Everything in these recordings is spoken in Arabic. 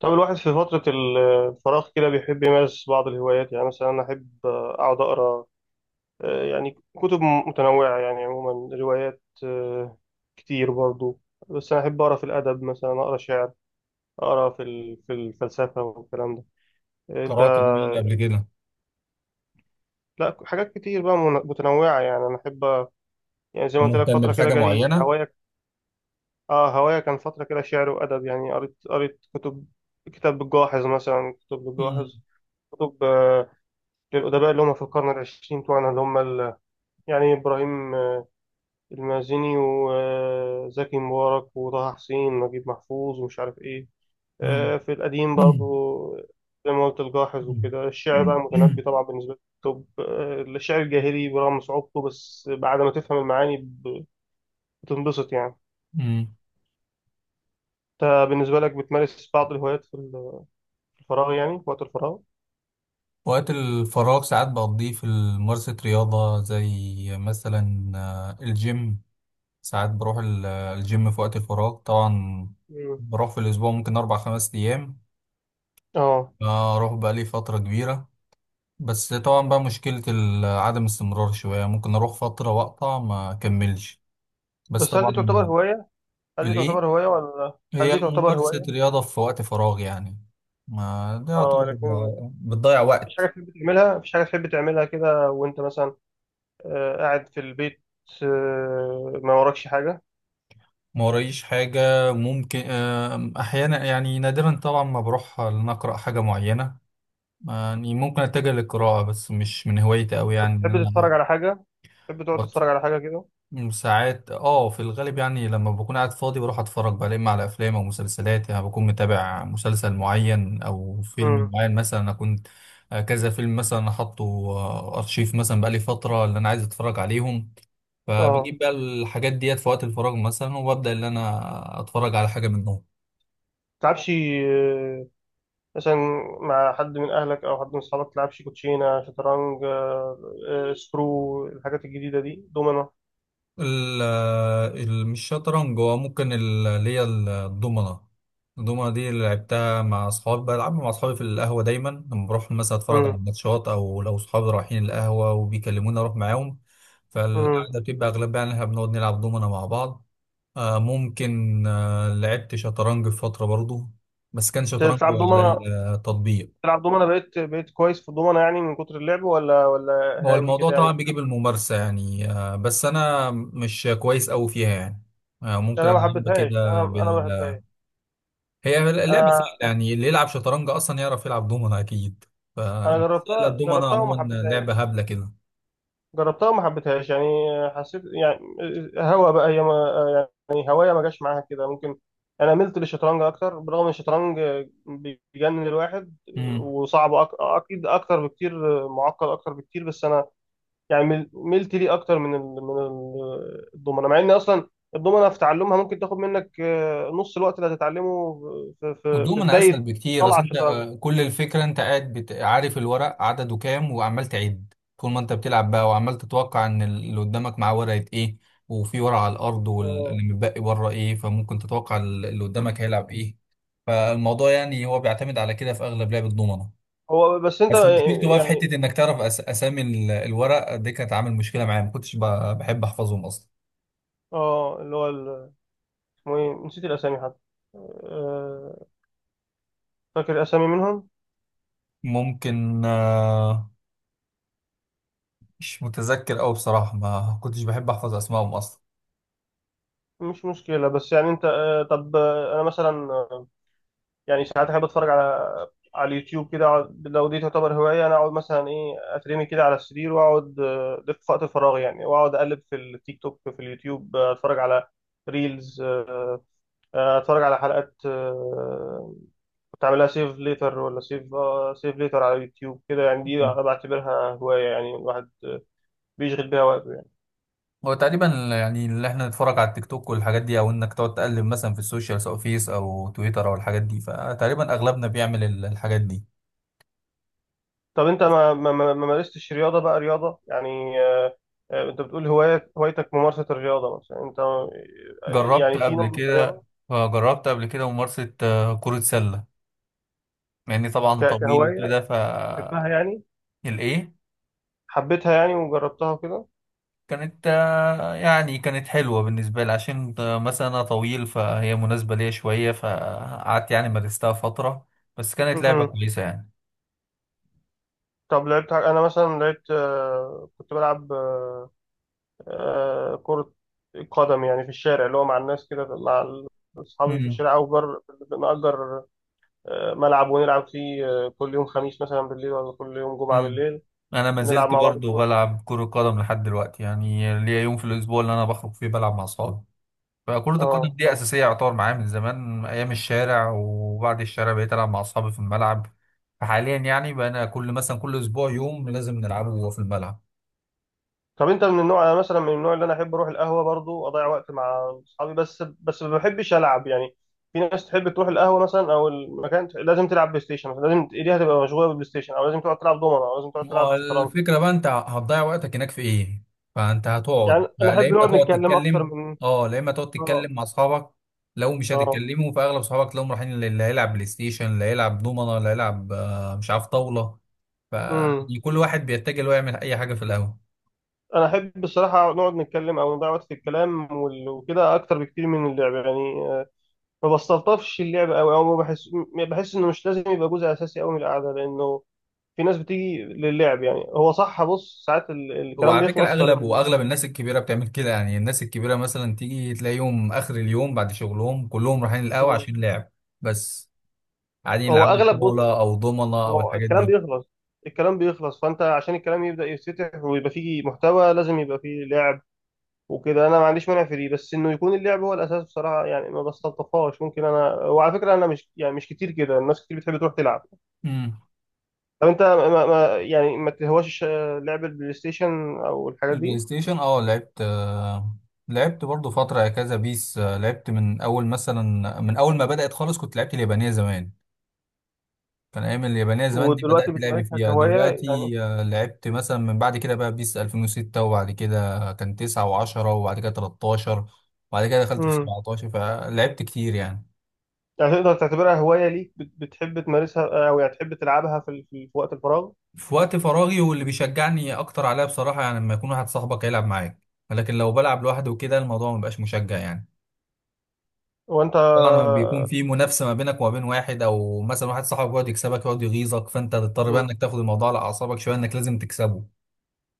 طب الواحد في فترة الفراغ كده بيحب يمارس بعض الهوايات، يعني مثلا أنا أحب أقعد أقرأ يعني كتب متنوعة، يعني عموما روايات كتير برضو. بس أنا أحب أقرأ في الأدب، مثلا أقرأ شعر، أقرأ في الفلسفة والكلام ده. أنت؟ قرأت لمين قبل كده؟ لا، حاجات كتير بقى، متنوعة، يعني أنا أحب، يعني زي ده ما قلت لك مهتم فترة كده بحاجة جالي معينة؟ هوايا. هوايا كان فترة كده شعر وأدب، يعني قريت كتب. كتاب الجاحظ مثلا، كتب مم. الجاحظ، كتب للأدباء اللي هم في القرن العشرين بتوعنا، اللي هم يعني إبراهيم المازني، وزكي مبارك، وطه حسين، ونجيب محفوظ، ومش عارف إيه. مم. في القديم مم. برضو زي ما قلت، الجاحظ وكده. الشعر بقى، المتنبي مم. طبعا بالنسبة لي. طب الشعر الجاهلي، برغم صعوبته، بس بعد ما تفهم المعاني بتنبسط يعني. مم. أنت بالنسبة لك بتمارس بعض الهوايات في الفراغ، يعني في وقت الفراغ؟ وقت الفراغ ساعات بقضيه في ممارسة رياضة زي مثلا الجيم. ساعات بروح الجيم في وقت الفراغ طبعا. مم. بروح في الأسبوع ممكن أربع خمس أيام. اه. أروح بقالي فترة كبيرة، بس طبعا بقى مشكلة عدم استمرار شوية، ممكن أروح فترة وأقطع ما أكملش، بس بس هل دي تعتبر طبعا. هواية؟ هل دي الإيه؟ تعتبر هواية ولا هل هي دي تعتبر ممارسة هواية؟ رياضة في وقت فراغ يعني، ما ده اه يعتبر لكن. بتضيع وقت. مفيش حاجة تحب تعملها كده وأنت مثلا قاعد في البيت، ما وراكش حاجة؟ ما ورايش حاجة، ممكن أحيانا يعني نادرا طبعا ما بروح إن أقرأ حاجة معينة. يعني ممكن أتجه للقراءة، بس مش من هوايتي أوي طب يعني إن أنا. تحب تقعد تتفرج على حاجة كده؟ ساعات في الغالب يعني لما بكون قاعد فاضي بروح اتفرج بقى اما على افلام او مسلسلات، يعني بكون متابع مسلسل معين او فيلم امم. معين. مثلا انا كنت كذا فيلم. مثلا انا حاطه ارشيف مثلا بقالي فترة اللي انا عايز اتفرج عليهم، اه. فبجيب بقى الحاجات ديت في وقت الفراغ مثلا وببدأ ان انا اتفرج على حاجة منهم. تلعبش مثلا مع حد من أهلك أو حد من أصحابك؟ تلعبش كوتشينة، شطرنج، سكرو، الحاجات الجديدة دي، دومنة؟ ال مش شطرنج، هو ممكن اللي هي الضمنة. الضمنة دي اللي لعبتها مع أصحابي، بلعبها مع أصحابي في القهوة دايما لما بروح مثلا أتفرج على امم. ماتشات، أو لو أصحابي رايحين القهوة وبيكلموني أروح معاهم. امم. فالقعدة بتبقى أغلبها إن إحنا بنقعد نلعب ضمنة مع بعض. ممكن لعبت شطرنج في فترة برضو، بس كان شطرنج بتلعب على دومنة؟ التطبيق. بقيت كويس في الدومنة، يعني من كتر اللعب، ولا ولا هو هاوي الموضوع كده يعني؟ طبعا بيجي بالممارسة يعني، بس أنا مش كويس أوي فيها يعني. ممكن أنا ما ألعب حبيتهاش. أنا كده أنا ما بحبهاش. هي لعبة سهلة أنا يعني، اللي يلعب شطرنج أصلا يعرف يلعب دومنا أكيد. انا بس لا، جربتها الدومنا جربتها وما عموما لعبة حبيتهاش. هبلة كده. جربتها وما حبيتهاش يعني. حسيت يعني، هوا بقى هي، ما يعني، هوايه ما جاش معاها كده ممكن. انا ملت للشطرنج اكتر، برغم ان الشطرنج بيجنن الواحد مم. وصعب، اكيد اكتر بكتير، معقد اكتر بكتير، بس انا يعني ملت ليه اكتر الضمنه، مع ان اصلا الضمنه في تعلمها ممكن تاخد منك نص الوقت اللي هتتعلمه في والدوم انا اسهل بدايه بكتير، طلعه اصل انت الشطرنج. كل الفكره انت قاعد عارف الورق عدده كام وعمال تعد طول ما انت بتلعب بقى، وعمال تتوقع ان اللي قدامك معاه ورقه ايه، وفي ورقه على الارض آه، واللي متبقي بره ايه، فممكن تتوقع اللي قدامك هيلعب ايه. فالموضوع يعني هو بيعتمد على كده في اغلب لعب الدومنه. هو بس انت بس مشكلته بقى في يعني. حته انك تعرف اسامي الورق دي، كانت عامل مشكله معايا ما كنتش بحب احفظهم اصلا. اه اللي هو اسمه ايه، نسيت الاسامي حتى. آه، فاكر اسامي منهم. ممكن مش متذكر قوي بصراحه، ما كنتش بحب احفظ اسمائهم اصلا. مش مشكله، بس يعني انت طب انا مثلا يعني ساعات احب اتفرج على اليوتيوب كده. لو دي تعتبر هوايه، انا اقعد مثلا، ايه، اترمي كده على السرير واقعد، ده في وقت فراغي يعني، واقعد اقلب في التيك توك، في اليوتيوب، اتفرج على ريلز، اتفرج على حلقات كنت عاملها سيف ليتر، ولا سيف ليتر على اليوتيوب كده يعني. دي انا بعتبرها هوايه، يعني الواحد بيشغل بيها وقته يعني. هو تقريبا يعني اللي احنا نتفرج على التيك توك والحاجات دي، او انك تقعد تقلب مثلا في السوشيال سواء فيس او تويتر او الحاجات دي، فتقريبا اغلبنا بيعمل الحاجات دي. طب انت ما مارستش رياضه بقى، رياضه يعني انت بتقول هوايه، هوايتك ممارسه الرياضه مثلا. انت جربت يعني في قبل نوع من كده. الرياضه؟ جربت قبل كده ممارسة كرة سلة، مع اني طبعا طويل كهوايه وكده بتحبها يعني، الايه؟ حبيتها يعني وجربتها وكده؟ كانت يعني كانت حلوة بالنسبة لي، عشان مثلا انا طويل فهي مناسبة ليا شوية، فقعدت يعني مارستها فترة، بس كانت لعبة مم. كويسة طب لعبت انا مثلا لعبت كنت بلعب كرة قدم يعني في الشارع، اللي هو مع الناس كده مع أصحابي في يعني. الشارع، أو نأجر ملعب ونلعب فيه كل يوم خميس مثلا بالليل، ولا كل يوم جمعة مم. بالليل، انا ما نلعب زلت مع بعض. برضه بلعب كرة قدم لحد دلوقتي، يعني ليا يوم في الاسبوع اللي انا بخرج فيه بلعب مع اصحابي. فكرة القدم اه. دي اساسية يعتبر معايا من زمان، ايام الشارع وبعد الشارع بقيت العب مع اصحابي في الملعب. فحاليا يعني بقينا كل مثلا كل اسبوع يوم لازم نلعبه في الملعب. طب انت من النوع، انا مثلا من النوع اللي انا احب اروح القهوه برضو، اضيع وقت مع اصحابي، بس ما بحبش العب يعني. في ناس تحب تروح القهوه مثلا، او المكان، لازم تلعب بلاي ستيشن مثلا، لازم ايديها تبقى مشغوله بالبلاي ستيشن، او لازم تقعد تلعب دومنه، او لازم تقعد ما تلعب هو شطرنج. الفكرة بقى انت هتضيع وقتك هناك في ايه، فانت هتقعد يعني انا بقى لا احب اما نقعد تقعد نتكلم اكتر تتكلم. من. اه، لا اما تقعد اه. تتكلم مع اصحابك، لو مش اه. هتتكلموا فاغلب اصحابك تلاقيهم رايحين، اللي هيلعب بلاي ستيشن، اللي هيلعب دومنه، اللي هيلعب مش عارف طاولة. امم. فيعني كل واحد بيتجه له يعمل اي حاجة في القهوة. انا احب الصراحه نقعد نتكلم او نضيع وقت في الكلام وكده، اكتر بكتير من اللعب يعني ما بستلطفش اللعب قوي، او ما بحس، بحس انه مش لازم يبقى جزء اساسي قوي من القعده، لانه في ناس بتيجي للعب. يعني هو صح، بص، ساعات الكلام وعلى فكرة بيخلص اغلب فلازم. واغلب الناس الكبيرة بتعمل كده، يعني الناس الكبيرة مثلا تيجي تلاقيهم اخر اليوم بعد شغلهم كلهم رايحين القهوة عشان لعب، بس قاعدين هو يلعبوا اغلب، بص، طاولة او دومنة او هو الحاجات دي. الكلام بيخلص فانت عشان الكلام يبدا يتفتح ويبقى فيه محتوى، لازم يبقى فيه لعب وكده. انا ما عنديش مانع في دي، بس انه يكون اللعب هو الاساس بصراحه، يعني ما بستلطفهاش. ممكن انا، وعلى فكره انا مش، يعني مش كتير كده، الناس كتير بتحب تروح تلعب. مم. طب انت ما ما يعني ما تهواش لعب البلاي ستيشن او الحاجات البلاي دي؟ ستيشن، لعبت لعبت برضو فترة كذا بيس. لعبت من أول مثلا، من أول ما بدأت خالص كنت لعبت اليابانية زمان، كان أيام اليابانية زمان دي بدأت ودلوقتي لعبي بتمارسها فيها كهوايه يعني؟ دلوقتي. لعبت مثلا من بعد كده بقى بيس 2006، وبعد كده كان 9 و10، وبعد كده 13، وبعد كده دخلت في مم. 17 فلعبت كتير يعني. يعني تقدر تعتبرها هواية ليك، بتحب تمارسها أو يعني تحب تلعبها في وقت الفراغ؟ في وقت فراغي، واللي بيشجعني أكتر عليها بصراحة يعني لما يكون واحد صاحبك هيلعب معاك، لكن لو بلعب لوحدي وكده الموضوع مبقاش مشجع يعني. وأنت؟ طبعا لما بيكون في منافسه ما بينك وما بين واحد، او مثلا واحد صاحبك يقعد يكسبك يقعد يغيظك، فانت تضطر بقى مم. انك تاخد الموضوع على اعصابك شويه، انك لازم تكسبه،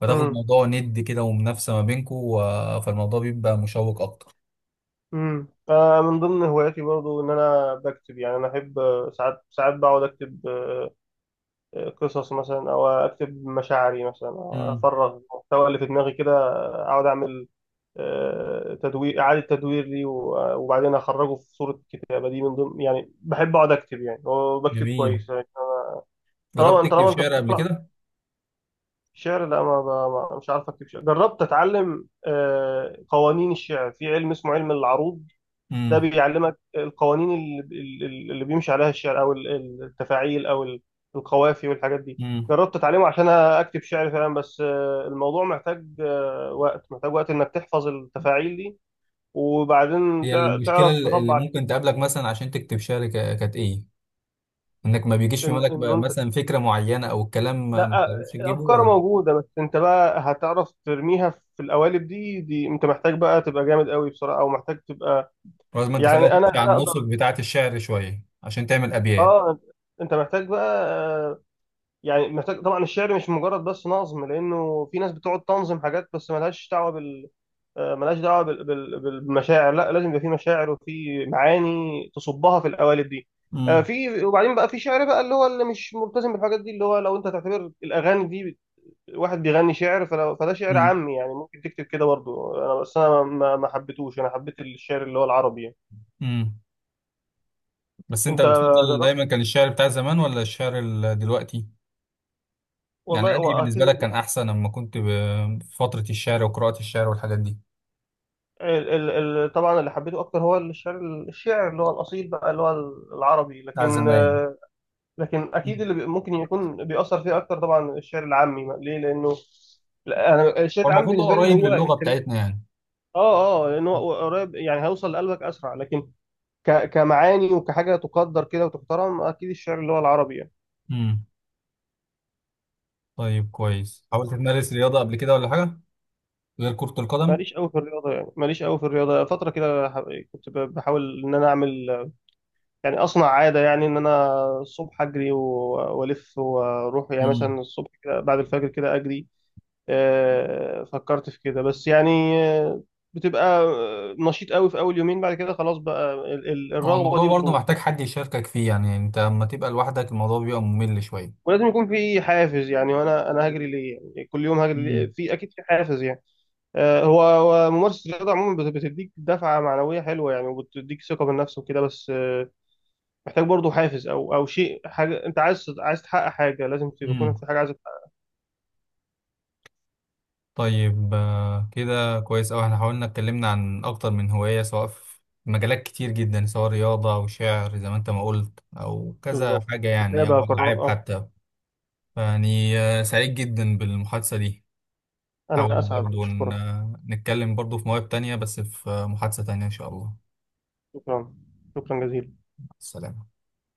فتاخد مم. الموضوع ند كده ومنافسه ما بينكم، فالموضوع بيبقى مشوق اكتر. مم. أنا من ضمن هواياتي برضو إن أنا بكتب، يعني أنا أحب ساعات بقعد أكتب قصص مثلا، أو أكتب مشاعري مثلا، أو امم. أفرغ المحتوى اللي في دماغي كده، أقعد أعمل تدوير، إعادة تدوير لي، وبعدين أخرجه في صورة كتابة. دي من ضمن يعني، بحب أقعد أكتب يعني، وبكتب جميل. كويس يعني. جربت طالما تكتب أنت شعر قبل بتقرأ. كده؟ شعر؟ لا، مش عارف اكتب شعر. جربت اتعلم قوانين الشعر في علم اسمه علم العروض. ده امم. بيعلمك القوانين اللي بيمشي عليها الشعر، او التفاعيل، او القوافي والحاجات دي. امم. جربت اتعلمه عشان اكتب شعر فعلا، بس الموضوع محتاج وقت، محتاج وقت انك تحفظ التفاعيل دي، وبعدين هي المشكله تعرف اللي تطبع. ممكن تقابلك مثلا عشان تكتب شعر، كانت ايه؟ انك ما بيجيش في ان بالك إن بقى مثلا فكره معينه، او الكلام ما لا، تعرفش تجيبه الافكار ولا؟ موجوده، بس انت بقى هتعرف ترميها في القوالب دي. انت محتاج بقى تبقى جامد قوي بصراحه، او محتاج تبقى، لازم انت يعني خليها تمشي انا على انا اقدر. النسق بتاعه الشعر شويه عشان تعمل ابيات. اه. انت محتاج بقى يعني محتاج، طبعا الشعر مش مجرد بس نظم، لانه في ناس بتقعد تنظم حاجات بس ملهاش دعوه بالمشاعر. لا، لازم يبقى في مشاعر وفي معاني تصبها في القوالب دي في، وبعدين بقى في شعر بقى اللي هو اللي مش ملتزم بالحاجات دي، اللي هو لو انت تعتبر الاغاني دي واحد بيغني شعر، فده شعر امم. عامي يعني، ممكن تكتب كده برضه انا. بس انا ما حبيتهوش. انا حبيت الشعر اللي هو العربي يعني. امم. بس انت انت بتفضل جربت؟ دايما كان الشعر بتاع زمان ولا الشعر دلوقتي؟ يعني والله هو انهي بالنسبه اكيد لك كان احسن لما كنت في فتره الشعر وقراءه الشعر والحاجات دي، طبعا اللي حبيته اكتر هو الشعر، الشعر اللي هو الاصيل بقى، اللي هو العربي. بتاع لكن زمان؟ اكيد مم. اللي ممكن يكون بيأثر فيه اكتر طبعا الشعر العامي، ليه؟ لانه، لا، انا الشعر هو العام المفروض هو بالنسبه لي اللي قريب هو للغه الكلمه. بتاعتنا يعني. اه. اه. لانه هو قريب يعني، هيوصل لقلبك اسرع، لكن كمعاني وكحاجه تقدر كده، وتحترم اكيد الشعر اللي هو العربي يعني. امم. طيب كويس، حاولت تمارس رياضه قبل كده ولا حاجه غير كره القدم؟ ماليش قوي في الرياضه. فتره كده كنت بحاول ان انا اعمل، يعني اصنع عاده، يعني ان انا الصبح اجري والف واروح، يعني امم. مثلا الصبح كده بعد الفجر كده اجري. فكرت في كده، بس يعني آه، بتبقى نشيط قوي في اول يومين، بعد كده خلاص بقى هو الرغبه الموضوع دي برضه بتروح. محتاج حد يشاركك فيه، يعني انت لما تبقى لوحدك الموضوع بيبقى ممل شويه. ولازم يكون في حافز يعني، وانا، هجري ليه يعني؟ كل يوم هجري ليه؟ في اكيد في حافز يعني. هو ممارسة الرياضة عموما بتديك دفعة معنوية حلوة يعني، وبتديك ثقة بالنفس وكده. بس محتاج برضو حافز، أو شيء، حاجة أنت عايز، تحقق حاجة، لازم تكون امم. في حاجة عايز تحققها. طيب، كده كويس أوي، احنا حاولنا اتكلمنا عن أكتر من هواية سواء في مجالات كتير جدا، سواء رياضة أو شعر زي ما أنت ما قلت، أو كذا بالظبط. حاجة يعني، أو كتابة، ألعاب قراءة. حتى. يعني سعيد جدا بالمحادثة دي. أنا حاول أسعد، برضو أشكرك. نتكلم برضو في مواهب تانية، بس في محادثة تانية إن شاء الله. شكرا، شكرا جزيلا. السلام.